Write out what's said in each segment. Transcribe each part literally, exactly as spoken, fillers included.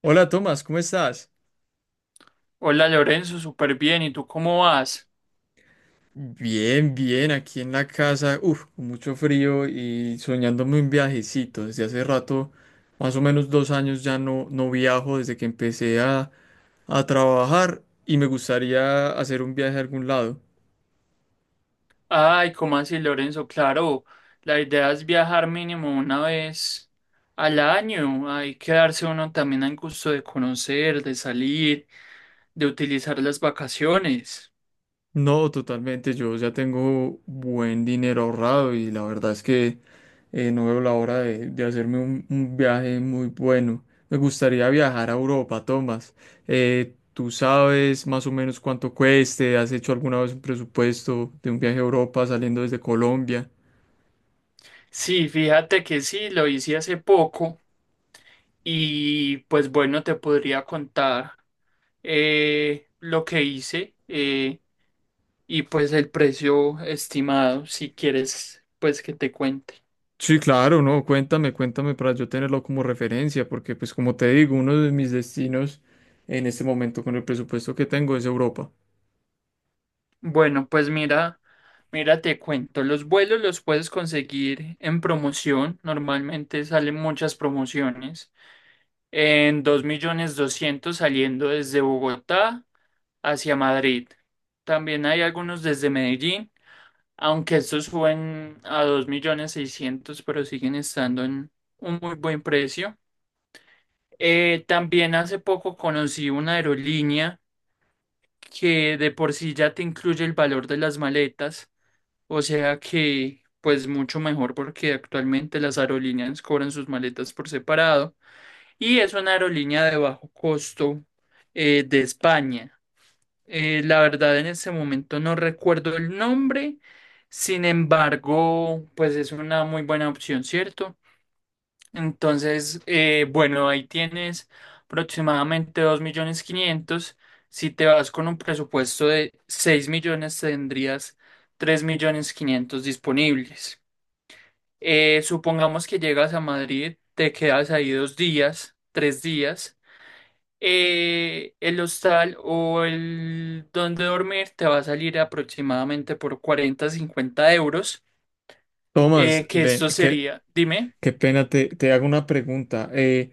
Hola Tomás, ¿cómo estás? Hola Lorenzo, súper bien. ¿Y tú cómo vas? Bien, bien, aquí en la casa, uff, con mucho frío y soñándome un viajecito. Desde hace rato, más o menos dos años ya no, no viajo desde que empecé a, a trabajar y me gustaría hacer un viaje a algún lado. Ay, ¿cómo así Lorenzo? Claro, la idea es viajar mínimo una vez al año. Hay que darse uno también al gusto de conocer, de salir, de utilizar las vacaciones. No, totalmente. Yo ya tengo buen dinero ahorrado y la verdad es que eh, no veo la hora de, de hacerme un, un viaje muy bueno. Me gustaría viajar a Europa, Tomás. Eh, ¿tú sabes más o menos cuánto cueste? ¿Has hecho alguna vez un presupuesto de un viaje a Europa saliendo desde Colombia? Sí, fíjate que sí, lo hice hace poco y pues bueno, te podría contar eh, lo que hice eh, y pues el precio estimado, si quieres, pues que te cuente. Sí, claro, no, cuéntame, cuéntame para yo tenerlo como referencia, porque pues como te digo, uno de mis destinos en este momento con el presupuesto que tengo es Europa. Bueno, pues mira, mira, te cuento, los vuelos los puedes conseguir en promoción, normalmente salen muchas promociones, en dos millones doscientos saliendo desde Bogotá hacia Madrid. También hay algunos desde Medellín, aunque estos suben a dos millones seiscientos mil, pero siguen estando en un muy buen precio. Eh, también hace poco conocí una aerolínea que de por sí ya te incluye el valor de las maletas. O sea que, pues mucho mejor porque actualmente las aerolíneas cobran sus maletas por separado y es una aerolínea de bajo costo eh, de España. Eh, la verdad en ese momento no recuerdo el nombre, sin embargo, pues es una muy buena opción, ¿cierto? Entonces, eh, bueno, ahí tienes aproximadamente dos millones quinientos mil. Si te vas con un presupuesto de seis millones, tendrías tres millones quinientos mil disponibles. Eh, supongamos que llegas a Madrid, te quedas ahí dos días, tres días. Eh, el hostal o el donde dormir te va a salir aproximadamente por cuarenta cincuenta euros. Tomás, Eh, que ven, esto sería, dime. qué pena, te, te hago una pregunta. Eh,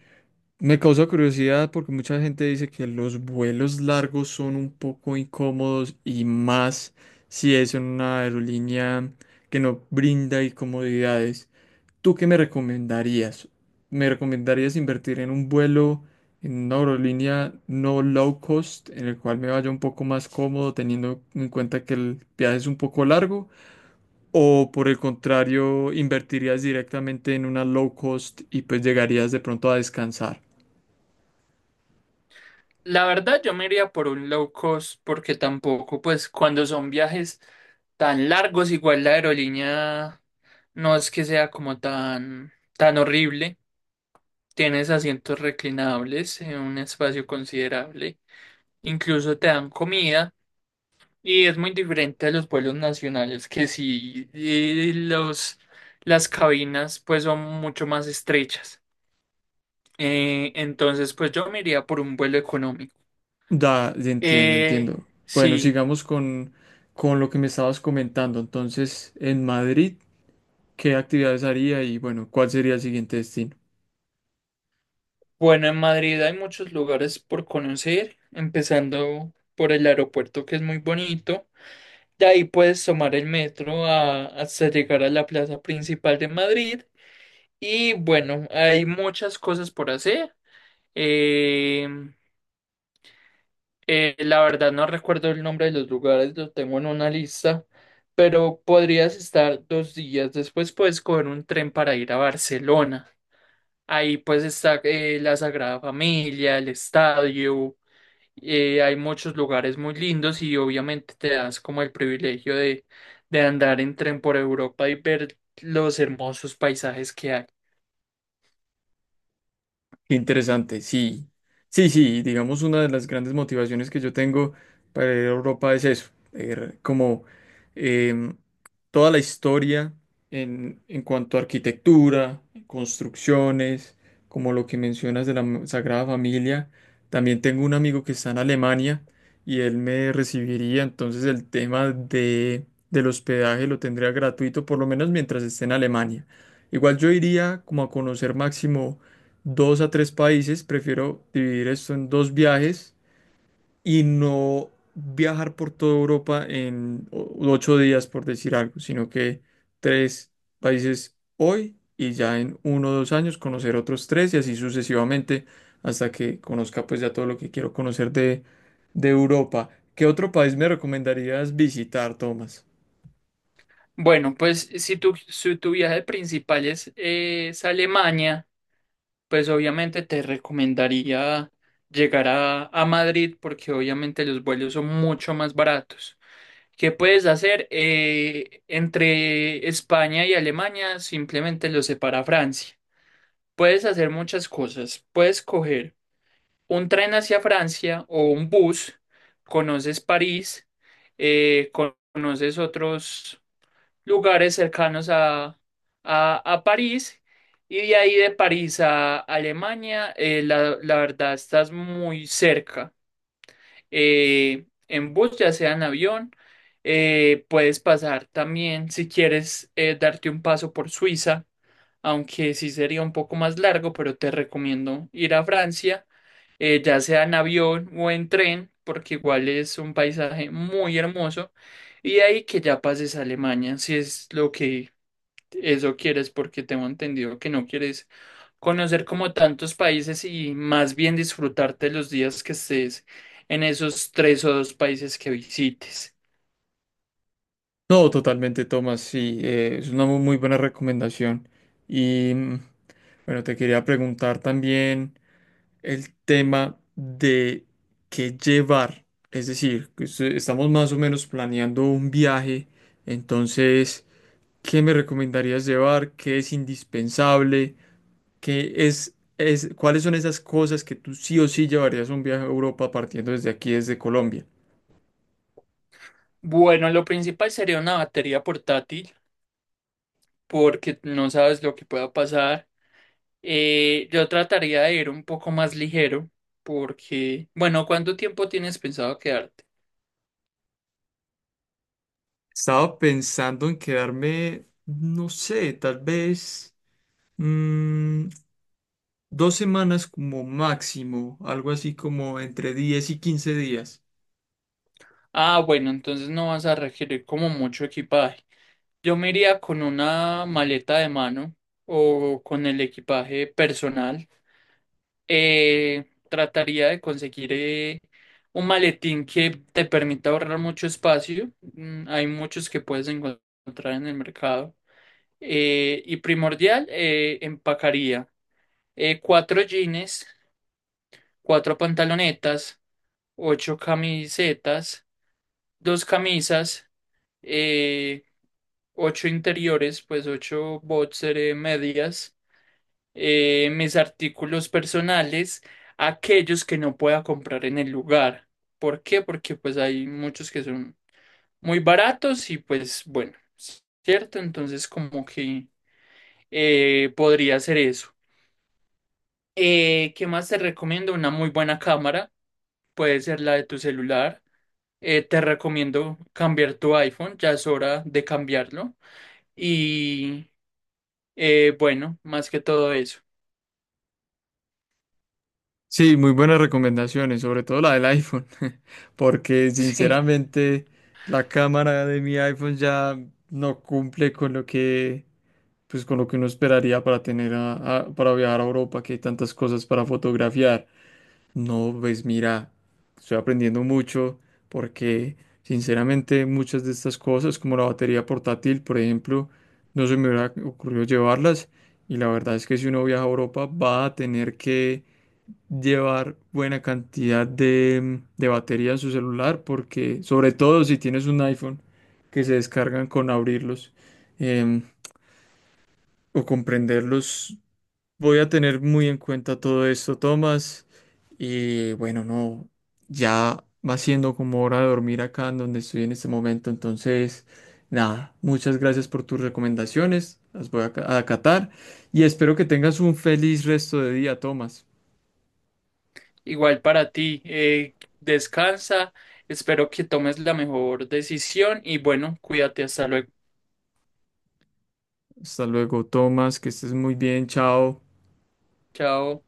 Me causa curiosidad porque mucha gente dice que los vuelos largos son un poco incómodos y más si es en una aerolínea que no brinda comodidades. ¿Tú qué me recomendarías? ¿Me recomendarías invertir en un vuelo en una aerolínea no low cost en el cual me vaya un poco más cómodo teniendo en cuenta que el viaje es un poco largo? O por el contrario, invertirías directamente en una low cost y pues llegarías de pronto a descansar. La verdad, yo me iría por un low cost porque tampoco, pues cuando son viajes tan largos, igual la aerolínea no es que sea como tan, tan horrible. Tienes asientos reclinables en un espacio considerable. Incluso te dan comida y es muy diferente a los vuelos nacionales que sí, eh, los, las cabinas pues son mucho más estrechas. Eh, entonces, pues yo me iría por un vuelo económico. Da, entiendo, Eh, entiendo. Bueno, sí. sigamos con, con lo que me estabas comentando. Entonces, en Madrid, ¿qué actividades haría y bueno, cuál sería el siguiente destino? Bueno, en Madrid hay muchos lugares por conocer, empezando por el aeropuerto que es muy bonito. De ahí puedes tomar el metro a- hasta llegar a la plaza principal de Madrid. Y bueno, hay muchas cosas por hacer. Eh, eh, la verdad no recuerdo el nombre de los lugares, lo tengo en una lista, pero podrías estar dos días. Después puedes coger un tren para ir a Barcelona. Ahí pues está eh, la Sagrada Familia, el estadio, eh, hay muchos lugares muy lindos y obviamente te das como el privilegio de, de andar en tren por Europa y ver los hermosos paisajes que hay. Qué interesante, sí. Sí, sí, digamos una de las grandes motivaciones que yo tengo para ir a Europa es eso, ver como em, toda la historia en, en cuanto a arquitectura, construcciones, como lo que mencionas de la m- Sagrada Familia. También tengo un amigo que está en Alemania y él me recibiría, entonces el tema de, del hospedaje lo tendría gratuito, por lo menos mientras esté en Alemania. Igual yo iría como a conocer máximo dos a tres países. Prefiero dividir esto en dos viajes y no viajar por toda Europa en o- ocho días, por decir algo, sino que tres países hoy y ya en uno o dos años conocer otros tres y así sucesivamente hasta que conozca pues ya todo lo que quiero conocer de, de Europa. ¿Qué otro país me recomendarías visitar, Tomás? Bueno, pues si tu, si tu viaje principal es, eh, es Alemania, pues obviamente te recomendaría llegar a, a Madrid porque obviamente los vuelos son mucho más baratos. ¿Qué puedes hacer? Eh, entre España y Alemania simplemente los separa Francia. Puedes hacer muchas cosas. Puedes coger un tren hacia Francia o un bus, conoces París, eh, conoces otros lugares cercanos a, a, a París y de ahí de París a Alemania, eh, la, la verdad estás muy cerca. Eh, en bus, ya sea en avión, eh, puedes pasar también si quieres eh, darte un paso por Suiza, aunque sí sería un poco más largo, pero te recomiendo ir a Francia, eh, ya sea en avión o en tren, porque igual es un paisaje muy hermoso. Y de ahí que ya pases a Alemania, si es lo que eso quieres porque tengo entendido que no quieres conocer como tantos países y más bien disfrutarte los días que estés en esos tres o dos países que visites. No, totalmente, Tomás, sí, eh, es una mu- muy buena recomendación. Y mm, bueno, te quería preguntar también el tema de qué llevar. Es decir, que se- estamos más o menos planeando un viaje. Entonces, ¿qué me recomendarías llevar? ¿Qué es indispensable? ¿Qué es, es, cuáles son esas cosas que tú sí o sí llevarías a un viaje a Europa partiendo desde aquí, desde Colombia? Bueno, lo principal sería una batería portátil porque no sabes lo que pueda pasar. Eh, yo trataría de ir un poco más ligero porque, bueno, ¿cuánto tiempo tienes pensado quedarte? Estaba pensando en quedarme, no sé, tal vez mm, dos semanas como máximo, algo así como entre diez y quince días. Ah, bueno, entonces no vas a requerir como mucho equipaje. Yo me iría con una maleta de mano o con el equipaje personal. Eh, Trataría de conseguir eh, un maletín que te permita ahorrar mucho espacio. Mm, hay muchos que puedes encontrar en el mercado. Eh, y primordial, eh, empacaría eh, cuatro jeans, cuatro pantalonetas, ocho camisetas, dos camisas. eh, Ocho interiores, pues ocho boxer, eh, medias, eh, mis artículos personales, aquellos que no pueda comprar en el lugar. ¿Por qué? Porque pues hay muchos que son muy baratos y pues bueno, ¿cierto? Entonces como que eh, podría ser eso. Eh, ¿qué más te recomiendo? Una muy buena cámara, puede ser la de tu celular. Eh, te recomiendo cambiar tu iPhone, ya es hora de cambiarlo. Y Eh, bueno, más que todo eso. Sí, muy buenas recomendaciones, sobre todo la del iPhone, porque Sí, sinceramente la cámara de mi iPhone ya no cumple con lo que, pues, con lo que uno esperaría para tener a- a- para viajar a Europa, que hay tantas cosas para fotografiar. No, pues mira, estoy aprendiendo mucho porque sinceramente muchas de estas cosas, como la batería portátil, por ejemplo, no se me hubiera ocurrido llevarlas y la verdad es que si uno viaja a Europa va a tener que llevar buena cantidad de, de batería en su celular, porque sobre todo si tienes un iPhone que se descargan con abrirlos em, o comprenderlos. Voy a tener muy en cuenta todo esto, Tomás. Y bueno, no, ya va siendo como hora de dormir acá en donde estoy en este momento, entonces. Nada, muchas gracias por tus recomendaciones, las voy a ca- a acatar y espero que tengas un feliz resto de día, Tomás. igual para ti. Eh, descansa, espero que tomes la mejor decisión y bueno, cuídate, hasta luego. Hasta luego, Tomás, que estés muy bien, chao. Chao.